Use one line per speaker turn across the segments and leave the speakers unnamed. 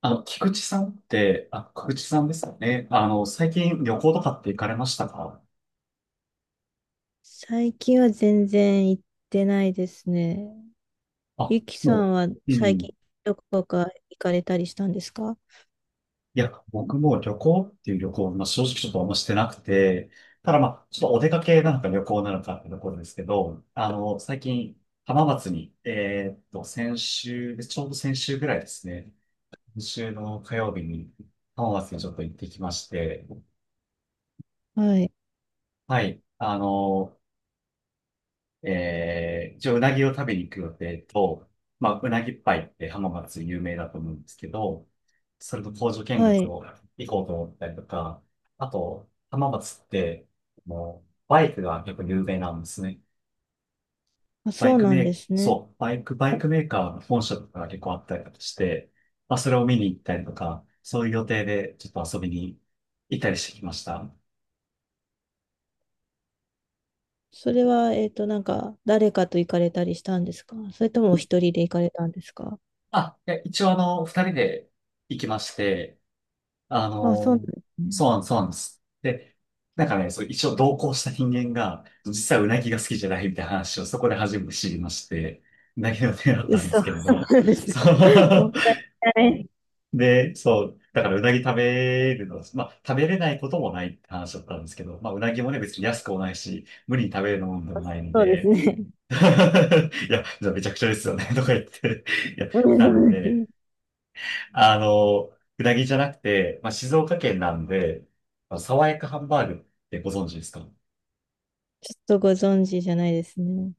菊池さんって、菊池さんですかね。最近旅行とかって行かれましたか？
最近は全然行ってないですね。ゆきさん
も
は
う、う
最近
ん。
どこか行かれたりしたんですか？
いや、僕も旅行っていう旅行、まあ、正直ちょっとあんましてなくて、ただまあ、ちょっとお出かけなのか旅行なのかってところですけど、最近、浜松に、先週、ちょうど先週ぐらいですね。先週の火曜日に、浜松にちょっと行ってきまして、
はい。
はい。一応うなぎを食べに行く予定と、まあ、うなぎパイって浜松有名だと思うんですけど、それと工場見
は
学
い。
を行こうと思ったりとか、あと、浜松って、もう、バイクが結構有名なんですね。
あ、
バ
そ
イ
う
ク
な
メ
んで
ー、
すね。
そう、バイクメーカーの本社とかが結構あったりとかして、まあ、それを見に行ったりとか、そういう予定でちょっと遊びに行ったりしてきました。
それは、なんか、誰かと行かれたりしたんですか？それともお一人で行かれたんですか？
いや、一応二人で行きまして、あ
あ、そうなん
の、
ですね。
そうなんです。で、なんかね、そう、一応同行した人間が、実はうなぎが好きじゃないみたいな話をそこで初めて知りまして、うなぎの手だっ
嘘、
たんですけれ
そう
ど、
なんです
そ
か。もっ
う。
たいない。
で、そう、だからうなぎ食べるの、まあ、食べれないこともないって話だったんですけど、まあ、うなぎもね、別に安くもないし、無理に食べるものでもないの
そうです
で、
ね。うん。
いや、じゃあめちゃくちゃですよね、とか言って、いや、
そうです
なんで、
ね。
あの、うなぎじゃなくて、まあ、静岡県なんで、まあ、爽やかハンバーグってご存知ですか？
ちょっとご存知じゃないですね。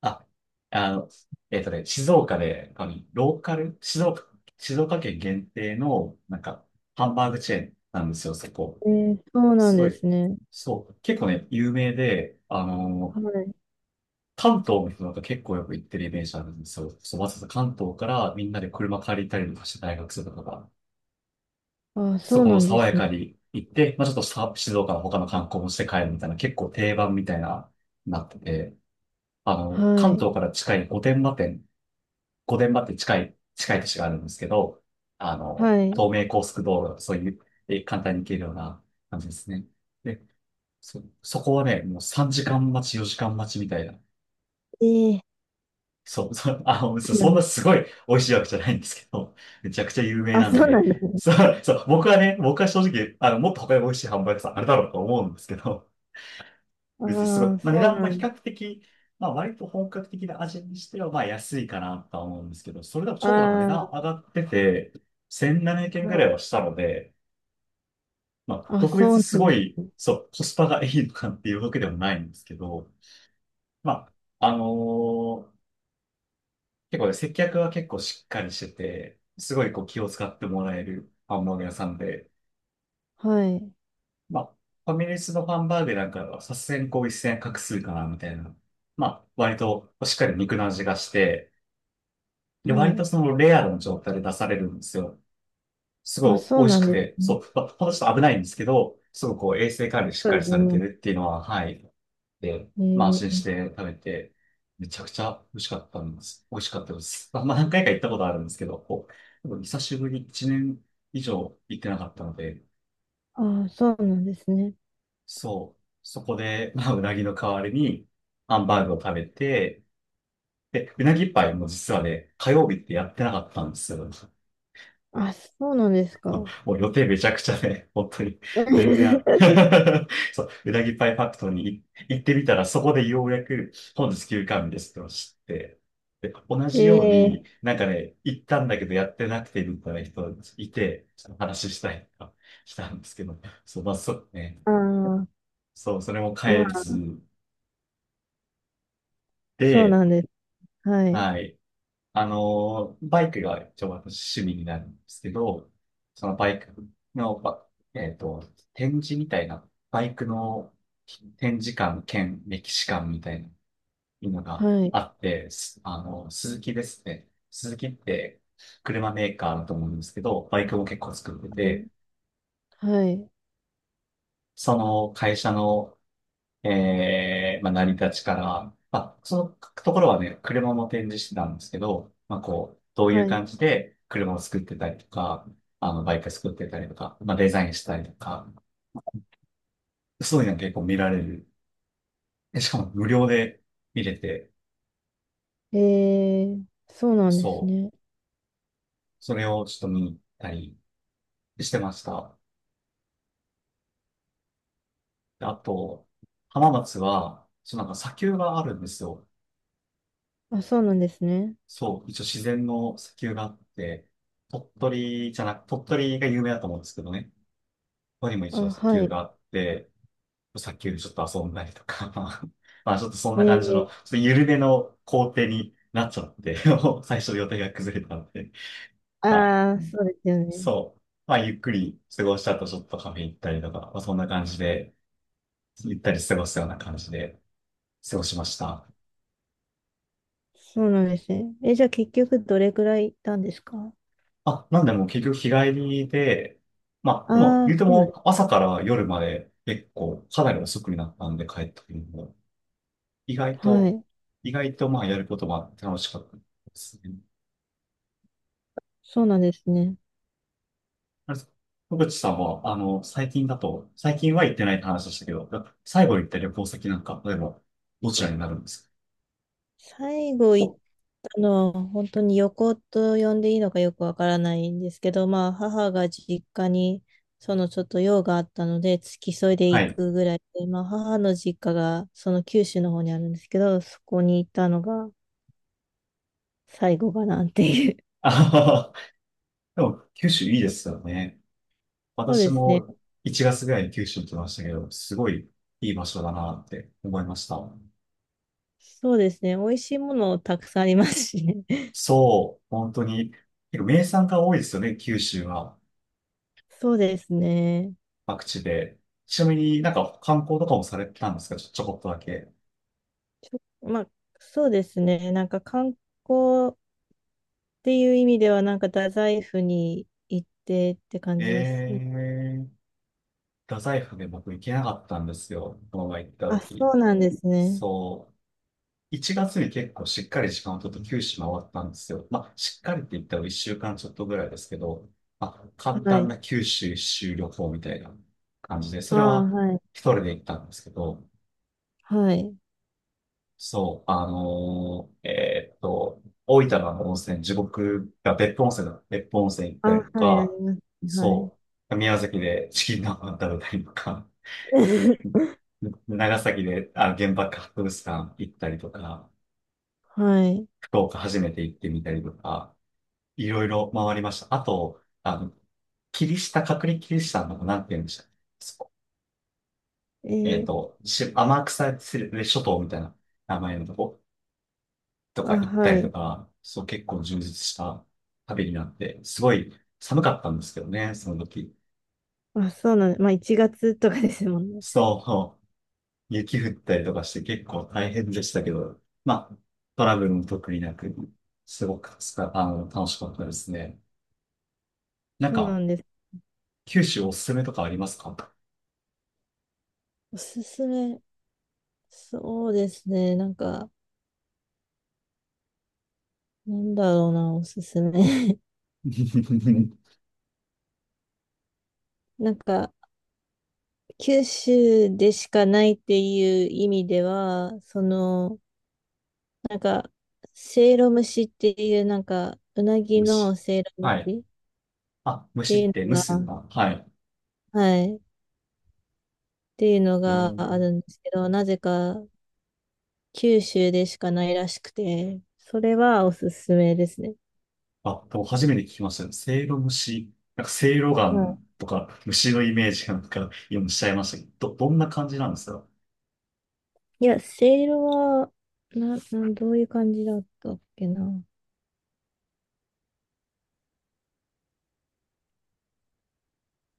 あ、あの、えっとね、静岡で、ローカル、静岡県限定の、なんか、ハンバーグチェーンなんですよ、そこ。
えー、そうな
す
ん
ご
で
い、
すね。
そう、結構ね、有名で、
はい。
関東の人なんか結構よく行ってるイメージあるんですよ。そう、わざわざ関東からみんなで車借りたりとかして大学生とかが。
あ、
そ
そう
この
なんで
爽や
すね。
かに行って、まあ、ちょっとさ静岡の他の観光もして帰るみたいな、結構定番みたいな、なってて、
は
関
い。
東から近い御殿場店、御殿場って近い、近い都市があるんですけど、
はい。
東名高速道路、そういう、え簡単に行けるような感じですね。で、そこはね、もう3時間待ち、4時間待ちみたいな。
ええ。
そう、そう、そう
そうな
そ
ん
ん
で
なす
す。
ごい美味しいわけじゃないんですけど、めちゃくちゃ有名
あ、
なん
そうな
で、
んですね。
そう、そう、僕はね、僕は正直、もっと他に美味しいハンバーガー屋さんあれだろうと思うんですけど、別にすごい、
ああ、
まあ、値
そう
段
な
も比
んで
較
す。
的、まあ割と本格的な味にしては、まあ安いかなとは思うんですけど、それでもちょっとなんか値段
あ
上がってて、1700
あ、
円ぐら
は
い
い。
はしたので、まあ
あ、
特
そ
別
う
す
なん
ご
で
い、
すね。
そう、コスパがいいのかっていうわけでもないんですけど、まあ、結構ね、接客は結構しっかりしてて、すごいこう気を使ってもらえるハンバーガー屋さんで、
はい。
まあ、ファミレスのハンバーグなんかはさすがにこう一線画数かなみたいな。まあ、割としっかり肉の味がして、で、
は
割と
い。
そのレアの状態で出されるんですよ。す
あ、
ごい
そ
美
う
味し
なん
く
です
て、
ね。
そう、まあ、ほんとちょっと危ないんですけど、すごくこう衛生管理しっ
そう
か
で
り
す
されて
ね。
るっていうのは、はい、で、
え
まあ安心
ー。
して食べて、めちゃくちゃ美味しかったんです。美味しかったです。まあ、まあ何回か行ったことあるんですけど、こう、でも久しぶり、1年以上行ってなかったので、
ああ、そうなんですね。
そう、そこで、まあ、うなぎの代わりに、ハンバーグを食べて、で、うなぎパイも実はね、火曜日ってやってなかったんですよ。
あ、そうなんですか。
もう予定めちゃくちゃね、本当に、全然あ、そう、うなぎパイファクトリーに行ってみたら、そこでようやく本日休館日ですってのを知って、で、同じよう
え
に、
え。
なんかね、行ったんだけどやってなくてみたいな人いて、ちょっと話したりとかしたんですけど、そう、まあ、そうね、
ああ、
そう、それも
ま
変え
あ、
ず
そう
で、
なんです。はい。
はい。バイクが一応私趣味になるんですけど、そのバイクの、えっと、展示みたいな、バイクの展示館兼歴史館みたいなのが
はい。
あって、スズキですね。スズキって車メーカーだと思うんですけど、バイクも結構作って
は
て、
い。はい。
その会社のまあ、成り立ちから、まあ、そのところはね、車も展示してたんですけど、まあ、こう、どういう
はい。
感じで車を作ってたりとか、バイク作ってたりとか、まあ、デザインしたりとか、そういうの結構見られる。えしかも無料で見れて、
えー。そうなんです
そう、
ね。
それをちょっと見に行ったりしてました。であと、浜松は、そう、なんか砂丘があるんですよ。
あ、そうなんですね。
そう、一応自然の砂丘があって、鳥取じゃなく、鳥取が有名だと思うんですけどね。ここにも
あ、
一応砂
は
丘
い。
があって、砂丘でちょっと遊んだりとか、まあちょっとそん
え
な感じの、
ー。
ちょっと緩めの工程になっちゃって、最初予定が崩れたので、まあ
ああ、そうですよね。
そう、まあゆっくり過ごした後ちょっとカフェ行ったりとか、まあそんな感じで、行ったり過ごすような感じで過ごしました。
そうなんですね。え、じゃあ結局どれくらい行ったんですか？
なんでもう結局日帰りで、まあでも
あ。あ
言
ー、
うて
そうな
も
ん、
朝から夜まで結構かなり遅くになったんで帰った時にも。意外
は
と、
い。
意外とまあやることも楽しかったですね。
そうなんですね。
あれ野口さんは、最近だと、最近は行ってないって話でしたけど、最後行った旅行先なんか、例えば、どちらになるんですか？
最後行ったのは本当に旅行と呼んでいいのかよくわからないんですけど、まあ母が実家にそのちょっと用があったので付き添いで
は
行
い。
くぐらいで、まあ母の実家がその九州の方にあるんですけど、そこに行ったのが最後かなっていう。
あはは。でも、九州いいですよね。
そう
私
ですね。
も1月ぐらいに九州行きましたけど、すごいいい場所だなって思いました。
そうですね。美味しいものたくさんありますしね。
そう、本当に、結構名産が多いですよね、九州は。
そうですね。
各地で。ちなみになんか観光とかもされてたんですか？ちょこっとだけ。
ちょまあ、そうですね。なんか観光っていう意味では、なんか太宰府に行ってって感じですね。
ええ、太宰府で僕行けなかったんですよ。この前行った
あ、そ
時。
うなんですね。
そう。1月に結構しっかり時間を取って九州回ったんですよ。まあ、しっかりって言ったら1週間ちょっとぐらいですけど、まあ、簡
は
単
い。
な九州一周旅行みたいな感じで、そ
あ
れ
あ、
は
はい。
一人で行ったんですけど、
はい。
そう、大分の温泉、地獄が別府温泉だ。別府温泉行っ
あ、
た
は
りと
い、あり
か、
ます。はい。
そう、宮崎でチキン南蛮食べたりとか、長崎で、原爆博物館行ったりとか、
はい。
福岡初めて行ってみたりとか、いろいろ回りました。あと、キリシタン、隔離キリシタンの、なんて言うんでしたっけ？そこ
えー、
天草諸島みたいな名前のとことか
あ、
行った
は
りと
い。
か、そう結構充実した旅になって、すごい寒かったんですけどね、その時。
あ、そうなんまあ、1月とかですもんね。
そう、雪降ったりとかして結構大変でしたけど、まあ、トラブルも特になく、すごくつか、楽しかったですね。なん
そうな
か、
んです。
九州おすすめとかありますか？
おすすめ。そうですね。なんか、なんだろうな、おすすめ。なんか、九州でしかないっていう意味では、その、なんか、せいろ蒸しっていう、なんか、うなぎの
虫。
せいろ蒸
はい。
しって
虫っ
いう
て
の
虫す
が、
か。はい。
はい、っていうの
え
がある
ー、
んですけど、なぜか九州でしかないらしくて、それはおすすめですね。
多分初めて聞きましたね。せいろ蒸し。なんかせいろガ
はい。
ンとか虫のイメージがなんか今しちゃいましたけど、どんな感じなんですか？
いや、せいろは、な、なん、どういう感じだったっけな。う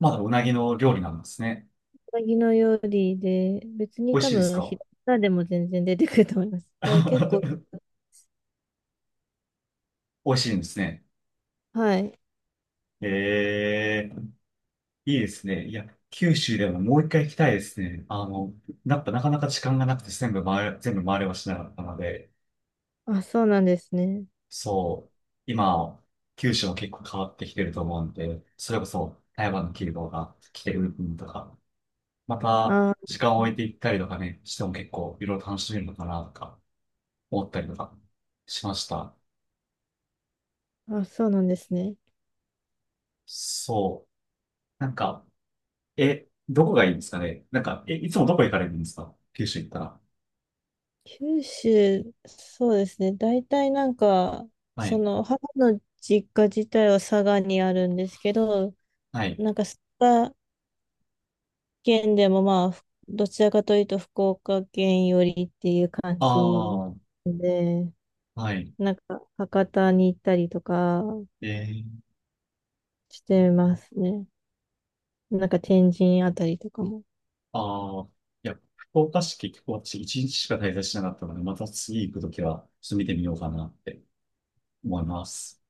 まだうなぎの料理なんですね。
なぎの料理で、別に
美味
多
しいです
分、
か？
平仮名でも全然出てくると思います。あ、結構、
美味しいんですね。
はい。
えー、いいですね。いや、九州でももう一回行きたいですね。なんかなかなか時間がなくて全部回れはしなかったので、
あ、そうなんですね。
そう、今、九州も結構変わってきてると思うんで、それこそ台湾の企業が来てる部分とか、また
あ
時間を置いていったりとかね、しても結構いろいろ楽しめるのかなとか思ったりとかしました。
ー、あ、そうなんですね。
そう。なんか、え、どこがいいんですかね？なんか、え、いつもどこ行かれるんですか、九州行ったら？
九州、そうですね。大体なんか、
は
そ
い。
の、母の実家自体は佐賀にあるんですけど、
はい。
なんか佐賀県でもまあ、どちらかというと福岡県寄りっていう感じ
ああ、
で、
はい。
なんか博多に行ったりとか
えー、
してますね。なんか天神あたりとかも。
ああ、いや、福岡市結構私一日しか滞在しなかったので、また次行くときは、ちょっと見てみようかなって思います。